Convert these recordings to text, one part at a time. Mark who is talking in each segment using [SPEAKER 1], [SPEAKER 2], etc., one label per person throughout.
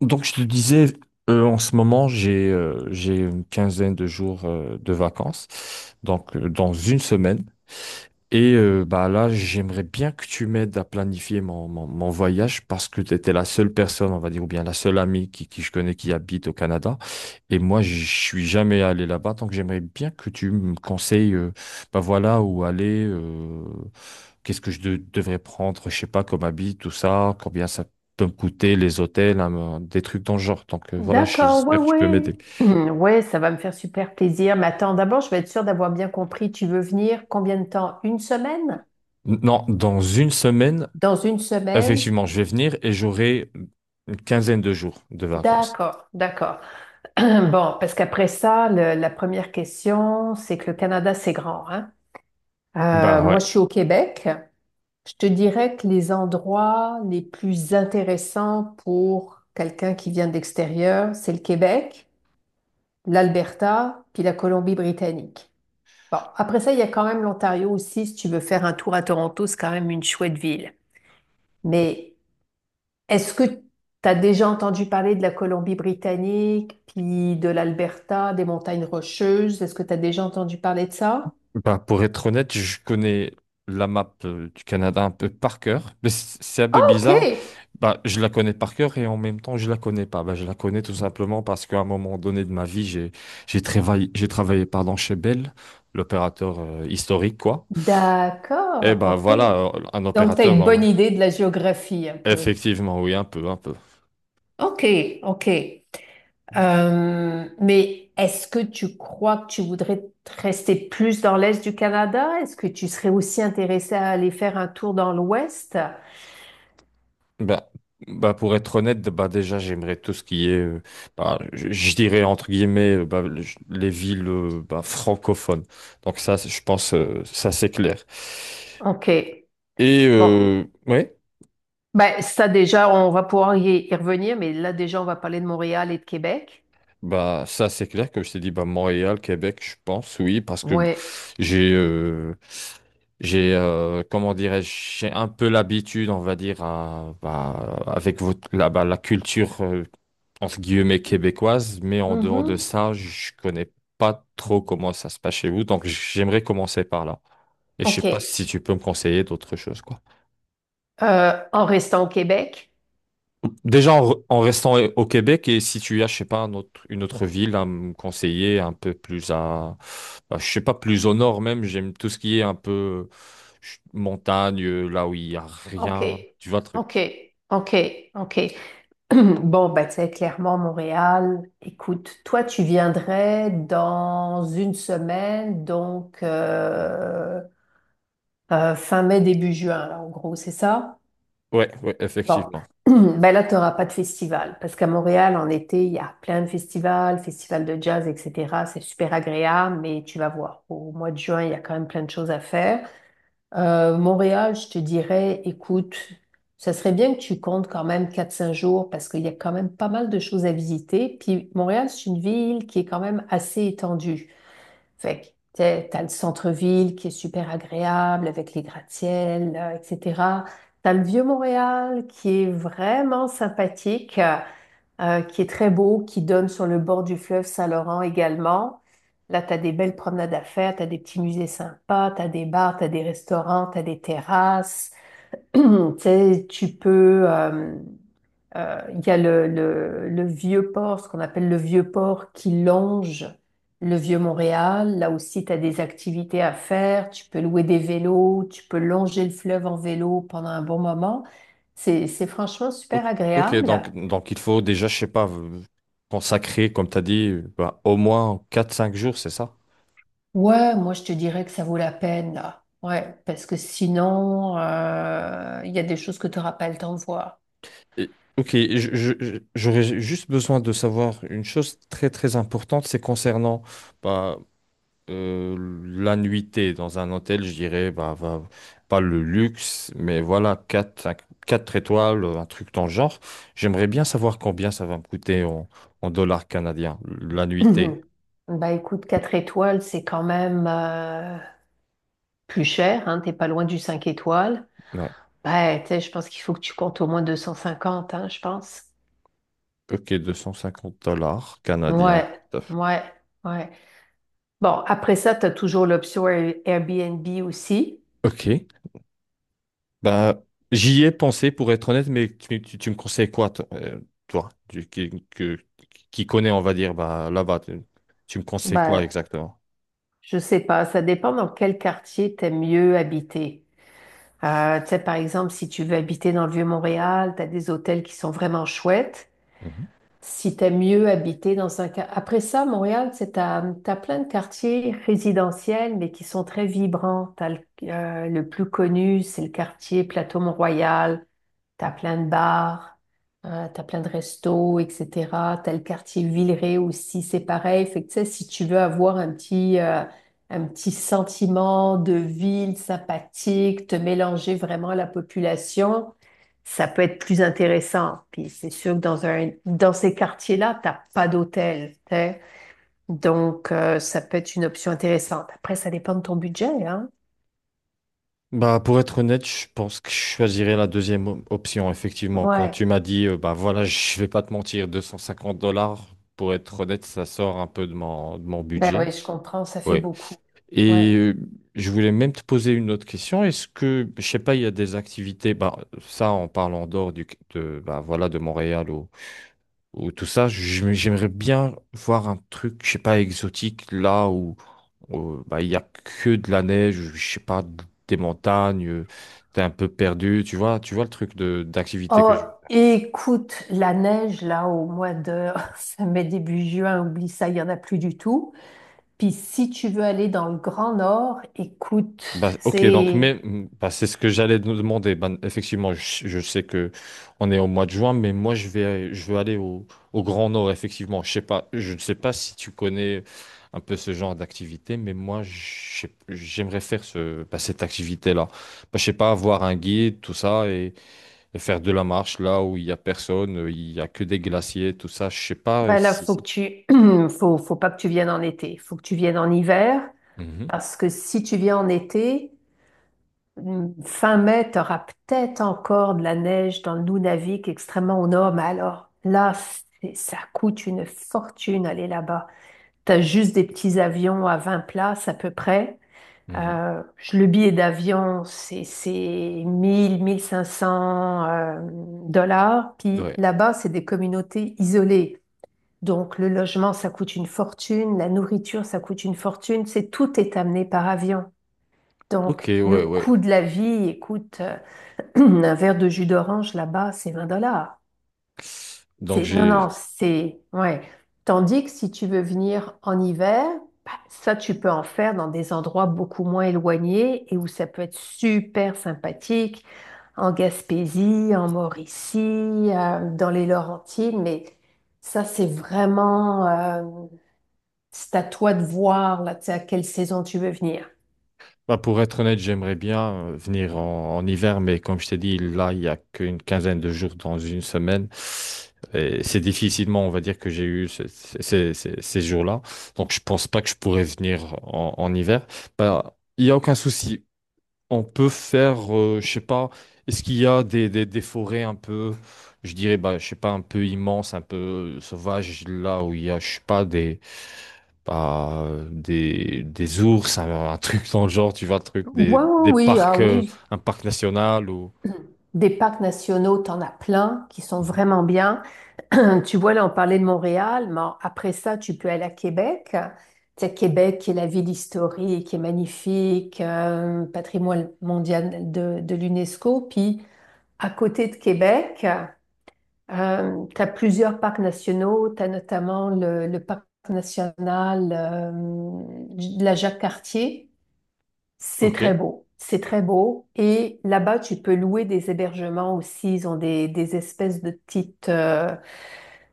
[SPEAKER 1] Donc, je te disais, en ce moment, j'ai une quinzaine de jours de vacances. Dans une semaine, là, j'aimerais bien que tu m'aides à planifier mon voyage parce que tu étais la seule personne, on va dire, ou bien la seule amie qui je connais qui habite au Canada. Et moi, je suis jamais allé là-bas, donc j'aimerais bien que tu me conseilles, voilà, où aller, qu'est-ce que devrais prendre, je sais pas, comme habit, tout ça, combien ça peut me coûter, les hôtels, hein, des trucs dans le genre. Voilà,
[SPEAKER 2] D'accord, ouais,
[SPEAKER 1] j'espère que tu peux
[SPEAKER 2] ouais.
[SPEAKER 1] m'aider.
[SPEAKER 2] Ouais, ça va me faire super plaisir. Mais attends, d'abord, je vais être sûre d'avoir bien compris. Tu veux venir combien de temps? Une semaine?
[SPEAKER 1] Non, dans une semaine.
[SPEAKER 2] Dans une semaine?
[SPEAKER 1] Effectivement, je vais venir et j'aurai une quinzaine de jours de vacances.
[SPEAKER 2] D'accord, d'accord. Bon, parce qu'après ça, la première question, c'est que le Canada, c'est grand, hein?
[SPEAKER 1] Bah
[SPEAKER 2] Moi,
[SPEAKER 1] ouais.
[SPEAKER 2] je suis au Québec. Je te dirais que les endroits les plus intéressants pour quelqu'un qui vient de l'extérieur, c'est le Québec, l'Alberta, puis la Colombie-Britannique. Bon, après ça, il y a quand même l'Ontario aussi. Si tu veux faire un tour à Toronto, c'est quand même une chouette ville. Mais est-ce que tu as déjà entendu parler de la Colombie-Britannique, puis de l'Alberta, des montagnes rocheuses? Est-ce que tu as déjà entendu parler de ça?
[SPEAKER 1] Bah, pour être honnête, je connais la map du Canada un peu par cœur. Mais c'est un peu bizarre.
[SPEAKER 2] OK.
[SPEAKER 1] Bah, je la connais par cœur et en même temps, je la connais pas. Bah, je la connais tout simplement parce qu'à un moment donné de ma vie, j'ai travaillé pardon chez Bell, l'opérateur historique quoi. Et
[SPEAKER 2] D'accord.
[SPEAKER 1] bah
[SPEAKER 2] OK.
[SPEAKER 1] voilà, un
[SPEAKER 2] Donc, tu as
[SPEAKER 1] opérateur
[SPEAKER 2] une bonne
[SPEAKER 1] normal.
[SPEAKER 2] idée de la géographie un peu.
[SPEAKER 1] Effectivement, oui, un peu, un peu.
[SPEAKER 2] OK, OK. Mais est-ce que tu crois que tu voudrais te rester plus dans l'est du Canada? Est-ce que tu serais aussi intéressé à aller faire un tour dans l'ouest?
[SPEAKER 1] Bah, bah pour être honnête, bah déjà j'aimerais tout ce qui est, je dirais entre guillemets, les villes francophones. Donc ça, je pense, ça c'est clair.
[SPEAKER 2] OK.
[SPEAKER 1] Et
[SPEAKER 2] Bon.
[SPEAKER 1] euh, ouais,
[SPEAKER 2] Ben, ça déjà, on va pouvoir y revenir, mais là déjà, on va parler de Montréal et de Québec.
[SPEAKER 1] ça c'est clair que je t'ai dit, bah Montréal, Québec, je pense, oui, parce que
[SPEAKER 2] Ouais.
[SPEAKER 1] j'ai, euh, j'ai, comment dirais-je, j'ai un peu l'habitude, on va dire, avec la culture. Entre guillemets québécoise, mais en dehors de
[SPEAKER 2] Mhm.
[SPEAKER 1] ça, je connais pas trop comment ça se passe chez vous, donc j'aimerais commencer par là. Et je sais pas
[SPEAKER 2] OK.
[SPEAKER 1] si tu peux me conseiller d'autres choses, quoi.
[SPEAKER 2] En restant au Québec?
[SPEAKER 1] Déjà en restant au Québec et si tu as, je sais pas, une autre ville à me conseiller un peu plus à, bah, je sais pas, plus au nord même, j'aime tout ce qui est un peu montagne, là où il y a rien,
[SPEAKER 2] OK.
[SPEAKER 1] tu vois le truc.
[SPEAKER 2] OK. OK. OK. Bon, bah, tu sais, clairement, Montréal, écoute, toi, tu viendrais dans une semaine, donc fin mai, début juin, là, en gros, c'est ça?
[SPEAKER 1] Ouais, ouais,
[SPEAKER 2] Bon,
[SPEAKER 1] effectivement.
[SPEAKER 2] ben là, tu n'auras pas de festival, parce qu'à Montréal, en été, il y a plein de festivals, festivals de jazz, etc. C'est super agréable, mais tu vas voir, au mois de juin, il y a quand même plein de choses à faire. Montréal, je te dirais, écoute, ça serait bien que tu comptes quand même 4 5 jours parce qu'il y a quand même pas mal de choses à visiter. Puis Montréal, c'est une ville qui est quand même assez étendue. Fait que t'as le centre-ville qui est super agréable avec les gratte-ciels, là, etc. T'as le vieux Montréal qui est vraiment sympathique qui est très beau, qui donne sur le bord du fleuve Saint-Laurent également. Là, tu as des belles promenades à faire, tu as des petits musées sympas, tu as des bars, tu as des restaurants, tu as des terrasses. Tu sais, tu peux... Il y a le vieux port, ce qu'on appelle le vieux port qui longe le vieux Montréal. Là aussi, tu as des activités à faire. Tu peux louer des vélos, tu peux longer le fleuve en vélo pendant un bon moment. C'est franchement
[SPEAKER 1] Ok,
[SPEAKER 2] super
[SPEAKER 1] ok,
[SPEAKER 2] agréable.
[SPEAKER 1] donc il faut déjà, je sais pas, consacrer, comme tu as dit, au moins 4 5 jours, c'est ça?
[SPEAKER 2] Ouais, moi je te dirais que ça vaut la peine là. Ouais, parce que sinon, il y a des choses que tu n'auras pas le temps de voir.
[SPEAKER 1] Ok, j'aurais juste besoin de savoir une chose très très importante, c'est concernant bah, euh, la nuitée dans un hôtel, je dirais, pas le luxe, mais voilà, 4 5 4 étoiles, un truc dans le genre. J'aimerais bien savoir combien ça va me coûter en dollars canadiens, la nuitée.
[SPEAKER 2] Bah écoute, 4 étoiles, c'est quand même plus cher, hein, t'es pas loin du 5 étoiles. Bah, tu sais, je pense qu'il faut que tu comptes au moins 250, hein, je pense.
[SPEAKER 1] Ok, 250 dollars canadiens.
[SPEAKER 2] Ouais,
[SPEAKER 1] Tout à fait.
[SPEAKER 2] ouais, ouais. Bon, après ça, tu as toujours l'option Airbnb aussi.
[SPEAKER 1] Ok. Bah, j'y ai pensé pour être honnête, mais tu me conseilles quoi, toi, toi, qui connais, on va dire, bah, là-bas, tu me conseilles quoi
[SPEAKER 2] Bah,
[SPEAKER 1] exactement?
[SPEAKER 2] je sais pas, ça dépend dans quel quartier t'aimes mieux habiter. Tu sais, par exemple, si tu veux habiter dans le Vieux-Montréal, tu as des hôtels qui sont vraiment chouettes.
[SPEAKER 1] Mhm.
[SPEAKER 2] Si tu aimes mieux habiter dans un... Après ça, Montréal, c'est t'as plein de quartiers résidentiels, mais qui sont très vibrants. T'as le plus connu, c'est le quartier Plateau-Mont-Royal. T'as plein de bars, t'as plein de restos, etc. T'as le quartier Villeray aussi, c'est pareil. Fait que, tu sais, si tu veux avoir un petit sentiment de ville sympathique, te mélanger vraiment à la population, ça peut être plus intéressant. Puis c'est sûr que dans ces quartiers-là, t'as pas d'hôtel, tu sais. Donc, ça peut être une option intéressante. Après, ça dépend de ton budget, hein.
[SPEAKER 1] Bah, pour être honnête, je pense que je choisirais la deuxième option, effectivement. Quand
[SPEAKER 2] Ouais.
[SPEAKER 1] tu m'as dit, bah voilà, je vais pas te mentir, 250 dollars, pour être honnête, ça sort un peu de de mon
[SPEAKER 2] Ben
[SPEAKER 1] budget.
[SPEAKER 2] oui, je comprends, ça fait
[SPEAKER 1] Oui.
[SPEAKER 2] beaucoup. Ouais.
[SPEAKER 1] Et euh, je voulais même te poser une autre question. Est-ce que, je sais pas, il y a des activités, bah, ça en parlant dehors du, de, bah, voilà, de Montréal ou tout ça, j'aimerais bien voir un truc, je sais pas, exotique où, bah, il y a que de la neige, je sais pas, des montagnes, t'es un peu perdu, tu vois le truc de d'activité que
[SPEAKER 2] Oh,
[SPEAKER 1] je.
[SPEAKER 2] écoute, la neige, là, au mois de ça mai, début juin, oublie ça, il n'y en a plus du tout. Puis si tu veux aller dans le Grand Nord, écoute,
[SPEAKER 1] Bah, ok, donc
[SPEAKER 2] c'est...
[SPEAKER 1] mais bah, c'est ce que j'allais nous demander. Ben, effectivement, je sais que on est au mois de juin, mais moi je vais je veux aller au, au Grand Nord, effectivement. Je sais pas, je ne sais pas si tu connais un peu ce genre d'activité, mais j'aimerais faire ce, bah, cette activité-là. Bah, je sais pas, avoir un guide, tout ça, et faire de la marche là où il y a personne, il y a que des glaciers, tout ça. Je sais pas
[SPEAKER 2] Ben là,
[SPEAKER 1] si.
[SPEAKER 2] faut que tu... faut pas que tu viennes en été, faut que tu viennes en hiver,
[SPEAKER 1] Mhm,
[SPEAKER 2] parce que si tu viens en été, fin mai, tu auras peut-être encore de la neige dans le Nunavik, extrêmement au nord, mais alors là, ça coûte une fortune aller là-bas. T'as juste des petits avions à 20 places à peu près.
[SPEAKER 1] mhm.
[SPEAKER 2] Euh, le billet d'avion, c'est 1000, 1500 dollars. Puis
[SPEAKER 1] Ouais.
[SPEAKER 2] là-bas, c'est des communautés isolées. Donc le logement, ça coûte une fortune, la nourriture, ça coûte une fortune. C'est tout est amené par avion.
[SPEAKER 1] Ok,
[SPEAKER 2] Donc le
[SPEAKER 1] ouais,
[SPEAKER 2] coût
[SPEAKER 1] ouais.
[SPEAKER 2] de la vie, écoute, un verre de jus d'orange là-bas, c'est 20 dollars.
[SPEAKER 1] Donc
[SPEAKER 2] C'est, non,
[SPEAKER 1] j'ai.
[SPEAKER 2] non, c'est, ouais. Tandis que si tu veux venir en hiver, bah, ça, tu peux en faire dans des endroits beaucoup moins éloignés et où ça peut être super sympathique, en Gaspésie, en Mauricie, dans les Laurentides, mais ça, c'est vraiment, c'est à toi de voir, là, tu sais, à quelle saison tu veux venir.
[SPEAKER 1] Bah, pour être honnête, j'aimerais bien venir en hiver, mais comme je t'ai dit, là, il y a qu'une quinzaine de jours dans une semaine. Et c'est difficilement, on va dire, que j'ai eu ces jours-là. Donc, je pense pas que je pourrais venir en hiver. Bah, il y a aucun souci on peut faire, je sais pas, est-ce qu'il y a des forêts un peu, je dirais, bah, je sais pas, un peu immenses, un peu sauvages, là où il y a, je sais pas, des, bah, des ours, un truc dans le genre, tu vois, le truc,
[SPEAKER 2] Ouais,
[SPEAKER 1] des
[SPEAKER 2] oui, oui, ah
[SPEAKER 1] parcs,
[SPEAKER 2] oui,
[SPEAKER 1] un parc national ou.
[SPEAKER 2] des parcs nationaux, t'en as plein qui sont
[SPEAKER 1] Mhm.
[SPEAKER 2] vraiment bien. Tu vois, là, on parlait de Montréal, mais après ça, tu peux aller à Québec. Tu sais, Québec, qui est la ville historique, qui est magnifique, patrimoine mondial de l'UNESCO. Puis, à côté de Québec, tu as plusieurs parcs nationaux. Tu as notamment le parc national de la Jacques-Cartier. C'est
[SPEAKER 1] Ok.
[SPEAKER 2] très beau. C'est très beau. Et là-bas, tu peux louer des hébergements aussi. Ils ont des espèces de petites...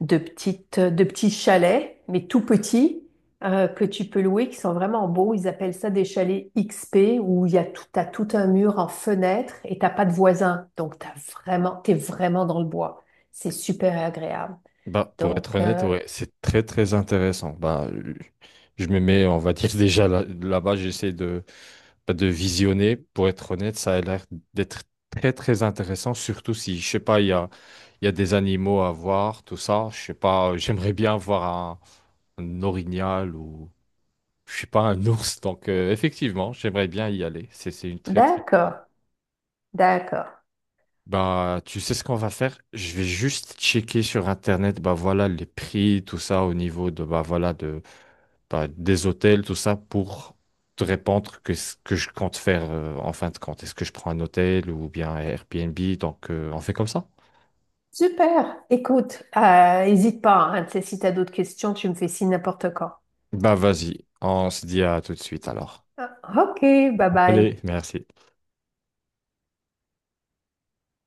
[SPEAKER 2] de petits chalets, mais tout petits, que tu peux louer, qui sont vraiment beaux. Ils appellent ça des chalets XP, où il y a tout, t'as tout un mur en fenêtre et t'as pas de voisins. Donc, t'es vraiment dans le bois. C'est super agréable.
[SPEAKER 1] Bah, pour
[SPEAKER 2] Donc,
[SPEAKER 1] être honnête, ouais, c'est très, très intéressant. Bah, je me mets, on va dire, déjà là-bas, j'essaie de. Bah, de visionner, pour être honnête, ça a l'air d'être très très intéressant, surtout si, je sais pas, il y a des animaux à voir, tout ça. Je sais pas, j'aimerais bien voir un orignal ou, je sais pas, un ours. Donc, effectivement, j'aimerais bien y aller. C'est une très très bonne idée.
[SPEAKER 2] d'accord, d'accord.
[SPEAKER 1] Bah, tu sais ce qu'on va faire? Je vais juste checker sur Internet, bah voilà, les prix, tout ça, au niveau de, bah voilà, de, bah, des hôtels, tout ça, pour te répondre que ce que je compte faire en fin de compte. Est-ce que je prends un hôtel ou bien un Airbnb? Donc, on fait comme ça?
[SPEAKER 2] Super. Écoute, hésite pas, hein, si t'as d'autres questions, tu me fais signe n'importe quand.
[SPEAKER 1] Bah, vas-y, on se dit à tout de suite alors.
[SPEAKER 2] Ah, ok, bye bye.
[SPEAKER 1] Allez, merci.